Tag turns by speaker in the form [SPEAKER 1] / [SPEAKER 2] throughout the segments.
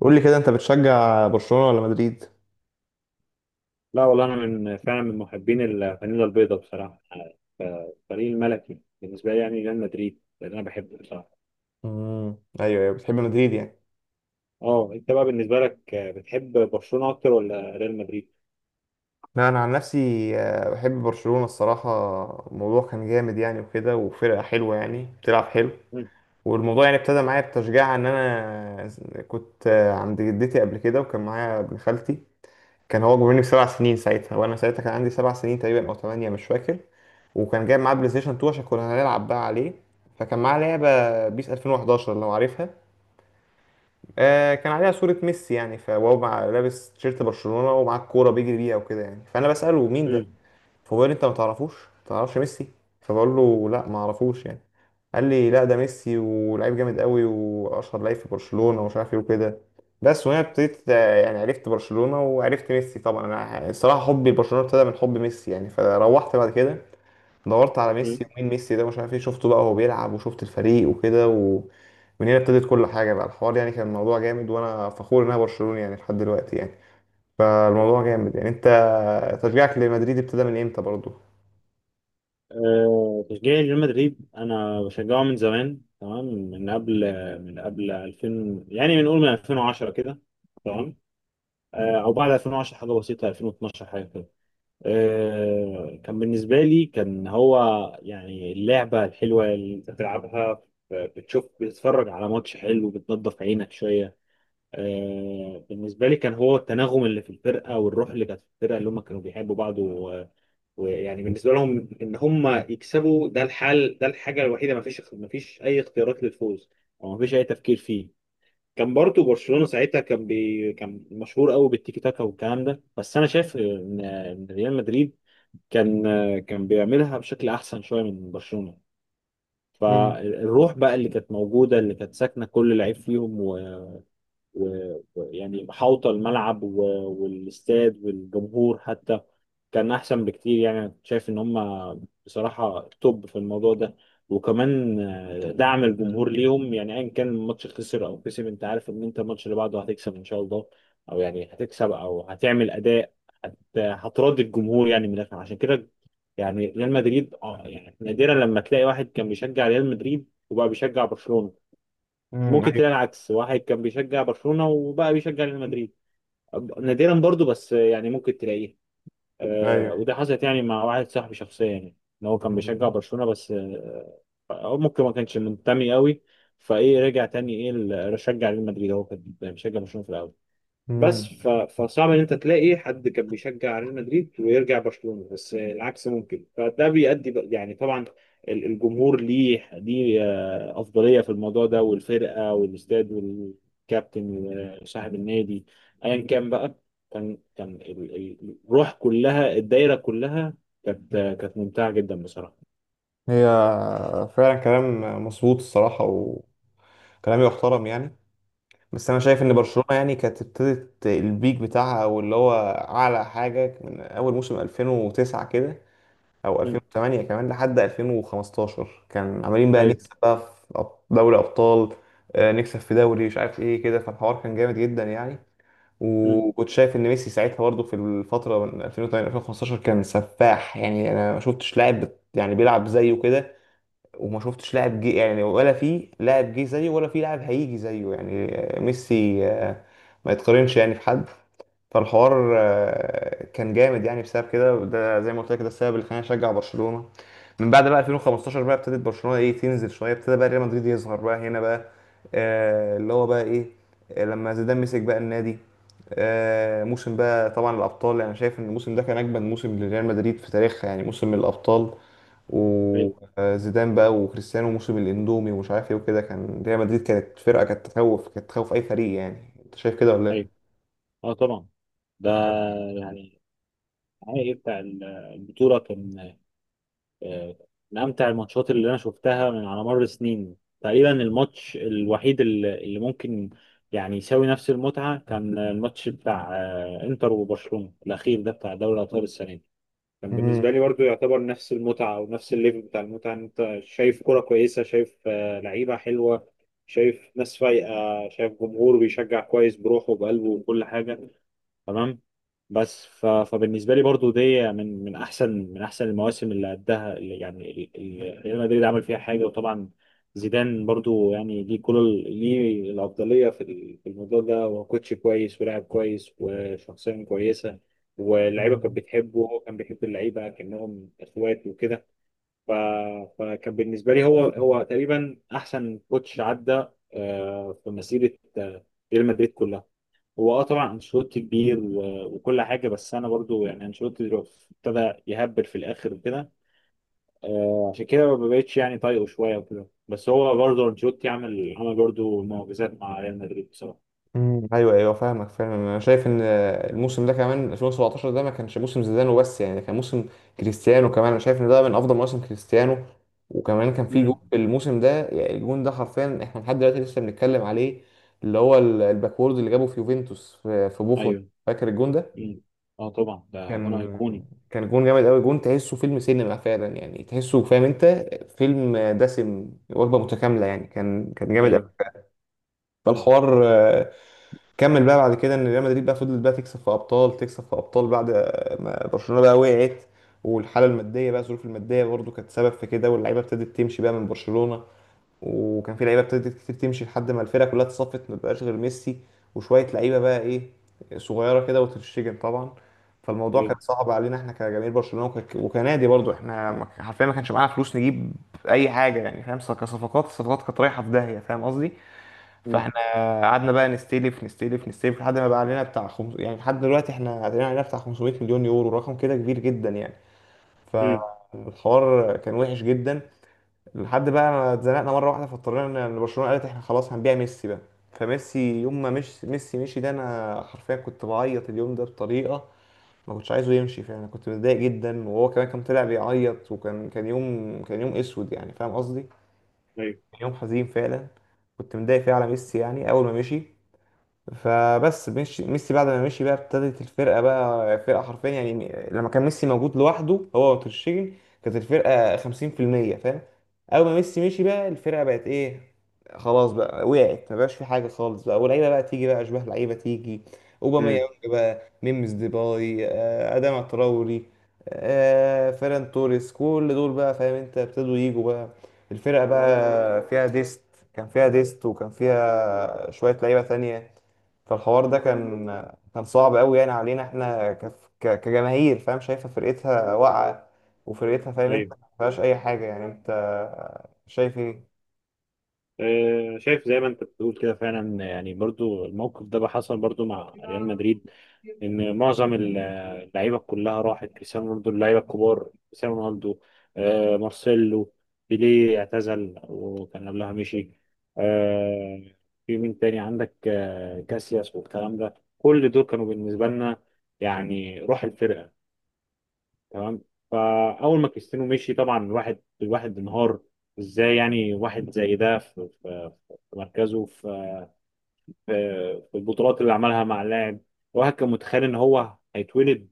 [SPEAKER 1] قول لي كده، انت بتشجع برشلونة ولا مدريد؟
[SPEAKER 2] لا والله انا من محبين الفانيلا البيضاء بصراحه. فالفريق الملكي بالنسبه لي يعني ريال مدريد لان انا بحبه بصراحه.
[SPEAKER 1] امم ايوه ايوه، بتحب مدريد يعني.
[SPEAKER 2] اه انت بقى بالنسبه لك، بتحب برشلونه اكتر ولا ريال مدريد؟
[SPEAKER 1] لا، انا عن نفسي بحب برشلونة الصراحة. الموضوع كان جامد يعني وكده، وفرقة حلوة يعني بتلعب حلو.
[SPEAKER 2] مم.
[SPEAKER 1] والموضوع يعني ابتدى معايا بتشجيع ان انا كنت عند جدتي قبل كده، وكان معايا ابن خالتي. كان هو اكبر مني بسبع سنين ساعتها، وانا ساعتها كان عندي سبع سنين تقريبا او ثمانية مش فاكر. وكان جايب معاه بلاي ستيشن 2 عشان كنا هنلعب بقى عليه. فكان معاه لعبة بيس 2011 لو عارفها. آه، كان عليها صورة ميسي يعني، فهو مع لابس تيشيرت برشلونة ومعاه الكورة بيجري بيها وكده يعني، فأنا بسأله: مين ده؟
[SPEAKER 2] مم.
[SPEAKER 1] فبيقول لي: أنت ما تعرفوش؟ ما تعرفش ميسي؟ فبقول له: لا، ما أعرفوش يعني. قال لي: لا، ده ميسي ولعيب جامد قوي وأشهر لعيب في برشلونة ومش عارف إيه وكده. بس وهنا ابتديت يعني عرفت برشلونة وعرفت ميسي. طبعا أنا الصراحة حبي لبرشلونة ابتدى من حب ميسي يعني. فروحت بعد كده دورت على
[SPEAKER 2] مم.
[SPEAKER 1] ميسي ومين ميسي ده مش عارف ايه، شفته بقى وهو بيلعب وشفت الفريق وكده و... ومن هنا ابتدت كل حاجة بقى الحوار يعني، كان الموضوع جامد وانا فخور ان انا برشلوني يعني لحد دلوقتي يعني. فالموضوع جامد يعني. انت تشجيعك لمدريد ابتدى من امتى برضو؟
[SPEAKER 2] تشجيعي لريال مدريد انا بشجعه من زمان، تمام، من قبل 2000، يعني بنقول من 2010 كده. تمام. او بعد 2010 حاجه بسيطه، 2012 حاجه كده. كان بالنسبة لي كان هو يعني اللعبة الحلوة اللي انت بتلعبها، بتشوف بتتفرج على ماتش حلو بتنضف عينك شوية. بالنسبة لي كان هو التناغم اللي في الفرقة والروح اللي كانت في الفرقة اللي هم كانوا بيحبوا بعض ويعني بالنسبة لهم ان هم يكسبوا، ده الحل، ده الحاجة الوحيدة. ما فيش اي اختيارات للفوز او ما فيش اي تفكير فيه. كان برضو برشلونة ساعتها كان مشهور قوي بالتيكي تاكا والكلام ده، بس انا شايف ان ريال مدريد كان كان بيعملها بشكل احسن شويه من برشلونه.
[SPEAKER 1] امم
[SPEAKER 2] فالروح بقى اللي كانت موجوده اللي كانت ساكنه كل لعيب فيهم، ويعني محاوطة الملعب والاستاد والجمهور حتى، كان أحسن بكتير. يعني أنا كنت شايف إن هما بصراحة توب في الموضوع ده. وكمان دعم الجمهور ليهم، يعني أيا كان الماتش خسر أو كسب أنت عارف إن أنت الماتش اللي بعده هتكسب إن شاء الله، أو يعني هتكسب أو هتعمل أداء، هتراضي الجمهور يعني من الآخر. عشان كده يعني ريال مدريد اه يعني نادرا لما تلاقي واحد كان بيشجع ريال مدريد وبقى بيشجع برشلونة. ممكن
[SPEAKER 1] ايوه
[SPEAKER 2] تلاقي العكس، واحد كان بيشجع برشلونة وبقى بيشجع ريال مدريد، نادرا برضو بس يعني ممكن تلاقيه. آه،
[SPEAKER 1] ايوه.
[SPEAKER 2] وده حصلت يعني مع واحد صاحبي شخصيا يعني، ان هو كان
[SPEAKER 1] مم.
[SPEAKER 2] بيشجع برشلونة بس آه، هو ممكن ما كانش منتمي قوي، فايه رجع تاني ايه رشجع ريال مدريد، هو كان بيشجع برشلونة في الاول.
[SPEAKER 1] مم.
[SPEAKER 2] فصعب ان انت تلاقي حد كان بيشجع ريال مدريد ويرجع برشلونة، بس العكس ممكن. فده بيؤدي بقى، يعني طبعا الجمهور ليه افضلية في الموضوع ده، والفرقة والاستاد والكابتن وصاحب النادي ايا كان بقى، كان الروح كلها الدايرة كلها، كانت ممتعة جدا بصراحة.
[SPEAKER 1] هي، فعلا كلام مظبوط الصراحة، وكلام يحترم يعني. بس أنا شايف إن
[SPEAKER 2] مم.
[SPEAKER 1] برشلونة يعني كانت ابتدت البيك بتاعها، أو اللي هو أعلى حاجة، من أول موسم 2009 كده او
[SPEAKER 2] مم.
[SPEAKER 1] 2008، كمان لحد 2015 كان عمالين بقى
[SPEAKER 2] ايوه.
[SPEAKER 1] نكسب بقى في أب- دوري ابطال، نكسب في دوري مش عارف ايه كده. فالحوار كان جامد جدا يعني.
[SPEAKER 2] مم.
[SPEAKER 1] وكنت شايف ان ميسي ساعتها برضه في الفتره من 2008 2015 كان سفاح يعني. انا ما شفتش لاعب بت- يعني بيلعب زيه كده، وما شفتش لاعب جه يعني، ولا في لاعب جه زيه ولا في لاعب هيجي زيه يعني. ميسي ما يتقارنش يعني في حد. فالحوار كان جامد يعني بسبب كده، وده زي ما قلت لك ده السبب اللي خلاني اشجع برشلونه. من بعد بقى 2015 بقى ابتدت برشلونه ايه تنزل شويه، ابتدى بقى ريال مدريد يظهر بقى هنا بقى، آه اللي هو بقى ايه، لما زيدان مسك بقى النادي. آه موسم بقى طبعا الابطال، يعني شايف ان الموسم ده كان اجمد موسم لريال مدريد في تاريخها يعني، موسم الابطال.
[SPEAKER 2] ايوه.
[SPEAKER 1] وزيدان بقى وكريستيانو موسم الاندومي ومش عارف ايه وكده، كان ريال
[SPEAKER 2] مم.
[SPEAKER 1] مدريد كانت فرقه كانت تخوف اي فريق يعني. انت شايف كده ولا ايه؟
[SPEAKER 2] ايوه. اه طبعا، ده يعني النهائي بتاع البطولة كان آه، من امتع الماتشات اللي انا شفتها من على مر السنين تقريبا. الماتش الوحيد اللي ممكن يعني يساوي نفس المتعه كان الماتش بتاع انتر وبرشلونه الاخير ده بتاع دوري الابطال السنه دي. كان بالنسبه لي برضو يعتبر نفس المتعه او نفس الليفل بتاع المتعه، ان انت شايف كره كويسه، شايف لعيبه حلوه، شايف ناس فايقه، شايف جمهور بيشجع كويس بروحه وبقلبه وكل حاجه. تمام. فبالنسبه لي برضو دي من احسن المواسم اللي قدها، اللي يعني ريال مدريد عمل فيها حاجه. وطبعا زيدان برضو يعني ليه ليه الافضليه في الموضوع ده. هو كوتش كويس ولاعب كويس وشخصيه كويسه، واللعيبه كانت
[SPEAKER 1] مم.
[SPEAKER 2] بتحبه وهو كان بيحب اللعيبه كانهم اخوات وكده. ف... فكان بالنسبه لي هو تقريبا احسن كوتش عدى في مسيره ريال مدريد كلها. هو اه طبعا انشيلوتي كبير وكل حاجه، بس انا برضو يعني انشيلوتي دلوقتي ابتدى يهبل في الاخر كده، عشان كده ما بقتش يعني طايقه شويه وكده. بس هو برضو انشيلوتي عمل عمل برضو معجزات مع ريال مدريد بصراحه.
[SPEAKER 1] مم. ايوه ايوه فاهمك فاهم. انا شايف ان الموسم ده كمان 2017 ده ما كانش موسم زيدان وبس، يعني كان موسم كريستيانو كمان. انا شايف ان ده من افضل مواسم كريستيانو. وكمان كان في جون
[SPEAKER 2] امم.
[SPEAKER 1] في الموسم ده، يعني الجون ده حرفيا احنا لحد دلوقتي لسه بنتكلم عليه. اللي هو ال- الباكورد اللي جابه في يوفنتوس في بوفون.
[SPEAKER 2] ايوه.
[SPEAKER 1] فاكر الجون ده؟
[SPEAKER 2] مم. اه طبعا ده جون
[SPEAKER 1] كان
[SPEAKER 2] ايقوني.
[SPEAKER 1] كان جون جامد قوي. جون تحسه فيلم سينما فعلا يعني، تحسه فاهم انت، فيلم دسم وجبه متكامله يعني. كان جامد قوي.
[SPEAKER 2] ايوه. مم.
[SPEAKER 1] فالحوار كمل بقى بعد كده ان ريال مدريد بقى فضلت بقى تكسب في ابطال تكسب في ابطال، بعد ما برشلونه بقى وقعت. والحاله الماديه بقى الظروف الماديه برضو كانت سبب في كده، واللعيبه ابتدت تمشي بقى من برشلونه. وكان في لعيبه ابتدت كتير تمشي لحد ما الفرقه كلها اتصفت ما بقاش غير ميسي وشويه لعيبه بقى ايه صغيره كده، وتتشجن طبعا. فالموضوع
[SPEAKER 2] ايوه.
[SPEAKER 1] كان صعب علينا احنا كجماهير برشلونه، وكنادي برضو. احنا حرفيا ما كانش معانا فلوس نجيب اي حاجه يعني، فاهم، كصفقات، الصفقات كانت رايحه في داهيه فاهم قصدي.
[SPEAKER 2] مم.
[SPEAKER 1] فاحنا قعدنا بقى نستلف لحد ما بقى علينا بتاع خمس... يعني لحد دلوقتي احنا علينا بتاع 500 مليون يورو، رقم كده كبير جدا يعني.
[SPEAKER 2] مم.
[SPEAKER 1] فالحوار كان وحش جدا لحد بقى ما اتزنقنا مره واحده، فاضطرينا ان برشلونه قالت احنا خلاص هنبيع ميسي بقى. فميسي يوم ما مش ميسي مشي ده، انا حرفيا كنت بعيط اليوم ده بطريقه. ما كنتش عايزه يمشي فعلا، انا كنت متضايق جدا، وهو كمان كان طلع بيعيط. وكان كان يوم كان يوم اسود يعني، فاهم قصدي.
[SPEAKER 2] ايوه.
[SPEAKER 1] كان يوم حزين فعلا. كنت متضايق فيه على ميسي يعني اول ما مشي. فبس مشي ميسي، بعد ما مشي بقى ابتدت الفرقه بقى فرقه حرفيا يعني. لما كان ميسي موجود لوحده هو وترشيجن كانت الفرقه 50%، فاهم. اول ما ميسي مشي بقى الفرقه بقت ايه، خلاص بقى وقعت، ما بقاش في حاجه خالص بقى. واللعيبه بقى تيجي بقى اشباه لعيبه تيجي،
[SPEAKER 2] مم.
[SPEAKER 1] اوباميانج بقى، ميمز، ديباي، اداما تراوري، فيران توريس، كل دول بقى فاهم انت ابتدوا يجوا بقى. الفرقه بقى فيها ديست، كان فيها ديست وكان فيها شويه لعيبه تانية. فالحوار ده كان، كان صعب قوي يعني علينا احنا كجماهير، فاهم، شايفه فرقتها واقعه، وفرقتها فاهم انت
[SPEAKER 2] ايوه.
[SPEAKER 1] ما فيهاش اي حاجه يعني. انت شايف ايه؟
[SPEAKER 2] شايف زي ما انت بتقول كده فعلا يعني، برضو الموقف ده بقى حصل برضو مع ريال مدريد، ان معظم اللعيبه كلها راحت. كريستيانو رونالدو، اللعيبه الكبار، كريستيانو رونالدو، مارسيلو، بيليه اعتزل وكان قبلها مشي، آه، في مين تاني عندك، كاسياس والكلام ده، كل دول كانوا بالنسبه لنا يعني روح الفرقه. تمام. فاول ما كريستيانو مشي طبعا الواحد انهار. ازاي يعني واحد زي ده في مركزه، في في البطولات اللي عملها مع اللاعب. الواحد كان متخيل ان هو هيتولد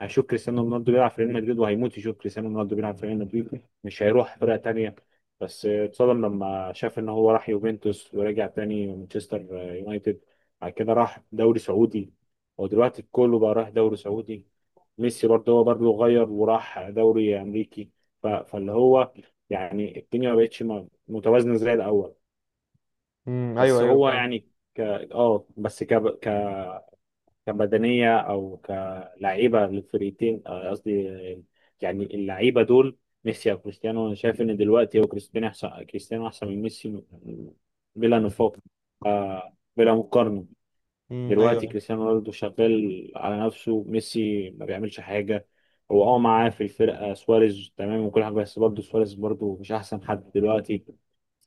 [SPEAKER 2] هيشوف كريستيانو رونالدو بيلعب في ريال مدريد، وهيموت يشوف كريستيانو رونالدو بيلعب في ريال مدريد، مش هيروح فرقة تانية. بس اتصدم لما شاف ان هو راح يوفنتوس، ورجع تاني مانشستر يونايتد، بعد كده راح دوري سعودي. ودلوقتي كله بقى راح دوري سعودي، ميسي برضه هو برضه غير وراح دوري امريكي. فاللي هو يعني الدنيا ما بقتش متوازنه زي الاول.
[SPEAKER 1] ايوه
[SPEAKER 2] بس
[SPEAKER 1] ايوه
[SPEAKER 2] هو
[SPEAKER 1] فعلا.
[SPEAKER 2] يعني ك اه بس ك ك كبدنيه او كلعيبه للفريقين، قصدي آه، يعني اللعيبه دول، ميسي او كريستيانو، انا شايف ان دلوقتي هو كريستيانو احسن، كريستيانو احسن من ميسي بلا نفاق، بلا مقارنه.
[SPEAKER 1] ايوه
[SPEAKER 2] دلوقتي
[SPEAKER 1] ايوه.
[SPEAKER 2] كريستيانو رونالدو شغال على نفسه، ميسي ما بيعملش حاجة. هو اه معاه في الفرقة سواريز تمام وكل حاجة، بس برضه سواريز برضه مش أحسن حد دلوقتي.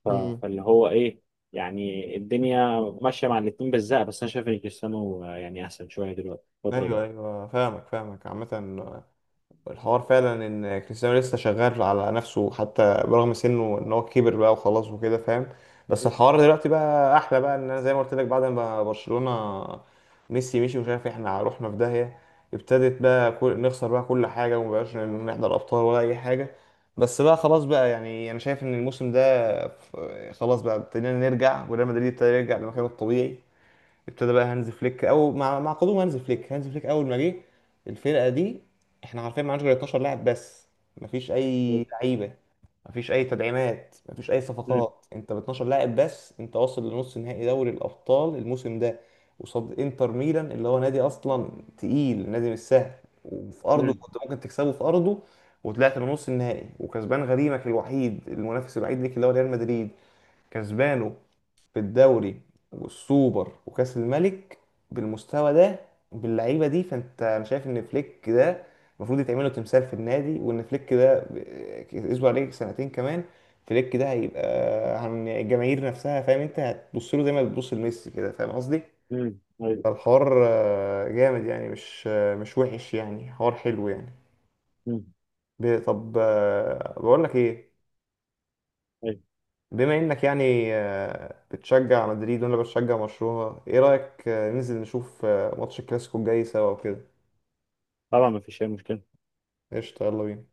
[SPEAKER 1] امم
[SPEAKER 2] فاللي هو إيه، يعني الدنيا ماشية مع الاتنين بالزق، بس أنا شايف إن كريستيانو يعني أحسن شوية دلوقتي الفترة دي.
[SPEAKER 1] ايوه ايوه فاهمك عامه. الحوار فعلا ان كريستيانو لسه شغال على نفسه، حتى برغم سنه ان هو كبر بقى وخلاص وكده، فاهم. بس
[SPEAKER 2] مم.
[SPEAKER 1] الحوار دلوقتي بقى احلى بقى، ان انا زي ما قلت لك بعد ما برشلونة ميسي مشي ومش عارف إيه، احنا رحنا في داهية. ابتدت بقى كل... نخسر بقى كل حاجة ومبقاش نحضر ابطال ولا اي حاجة. بس بقى خلاص بقى يعني انا شايف ان الموسم ده ف-، خلاص بقى ابتدينا نرجع، وريال مدريد ابتدى يرجع لمكانه الطبيعي. ابتدى بقى هانز فليك، او مع قدوم هانز فليك. هانز فليك اول ما جه الفرقه دي، احنا عارفين معناش غير 12 لاعب بس، مفيش اي
[SPEAKER 2] مم.
[SPEAKER 1] لعيبه، مفيش اي تدعيمات، مفيش اي
[SPEAKER 2] مم.
[SPEAKER 1] صفقات. انت ب 12 لاعب بس انت واصل لنص نهائي دوري الابطال الموسم ده، قصاد انتر ميلان اللي هو نادي اصلا تقيل، نادي مش سهل. وفي ارضه
[SPEAKER 2] مم.
[SPEAKER 1] كنت ممكن تكسبه في ارضه، وطلعت لنص النهائي وكسبان غريمك الوحيد المنافس الوحيد ليك اللي هو ريال مدريد، كسبانه في الدوري والسوبر وكأس الملك. بالمستوى ده، باللعيبه دي، فانت انا شايف ان فليك ده المفروض يتعمل له تمثال في النادي. وان فليك ده اسبوع عليه سنتين كمان، فليك ده هيبقى عن الجماهير نفسها، فاهم انت، هتبص له زي ما بتبص لميسي كده فاهم قصدي.
[SPEAKER 2] مم. أيوه.
[SPEAKER 1] فالحوار جامد يعني، مش مش وحش يعني، حوار حلو يعني.
[SPEAKER 2] مم.
[SPEAKER 1] ب- طب بقول لك ايه،
[SPEAKER 2] أيوه.
[SPEAKER 1] بما انك يعني بتشجع مدريد وانا بشجع برشلونة، ايه رأيك ننزل نشوف ماتش الكلاسيكو الجاي سوا وكده؟
[SPEAKER 2] طبعا ما فيش أي مشكلة
[SPEAKER 1] قشطة، يلا بينا.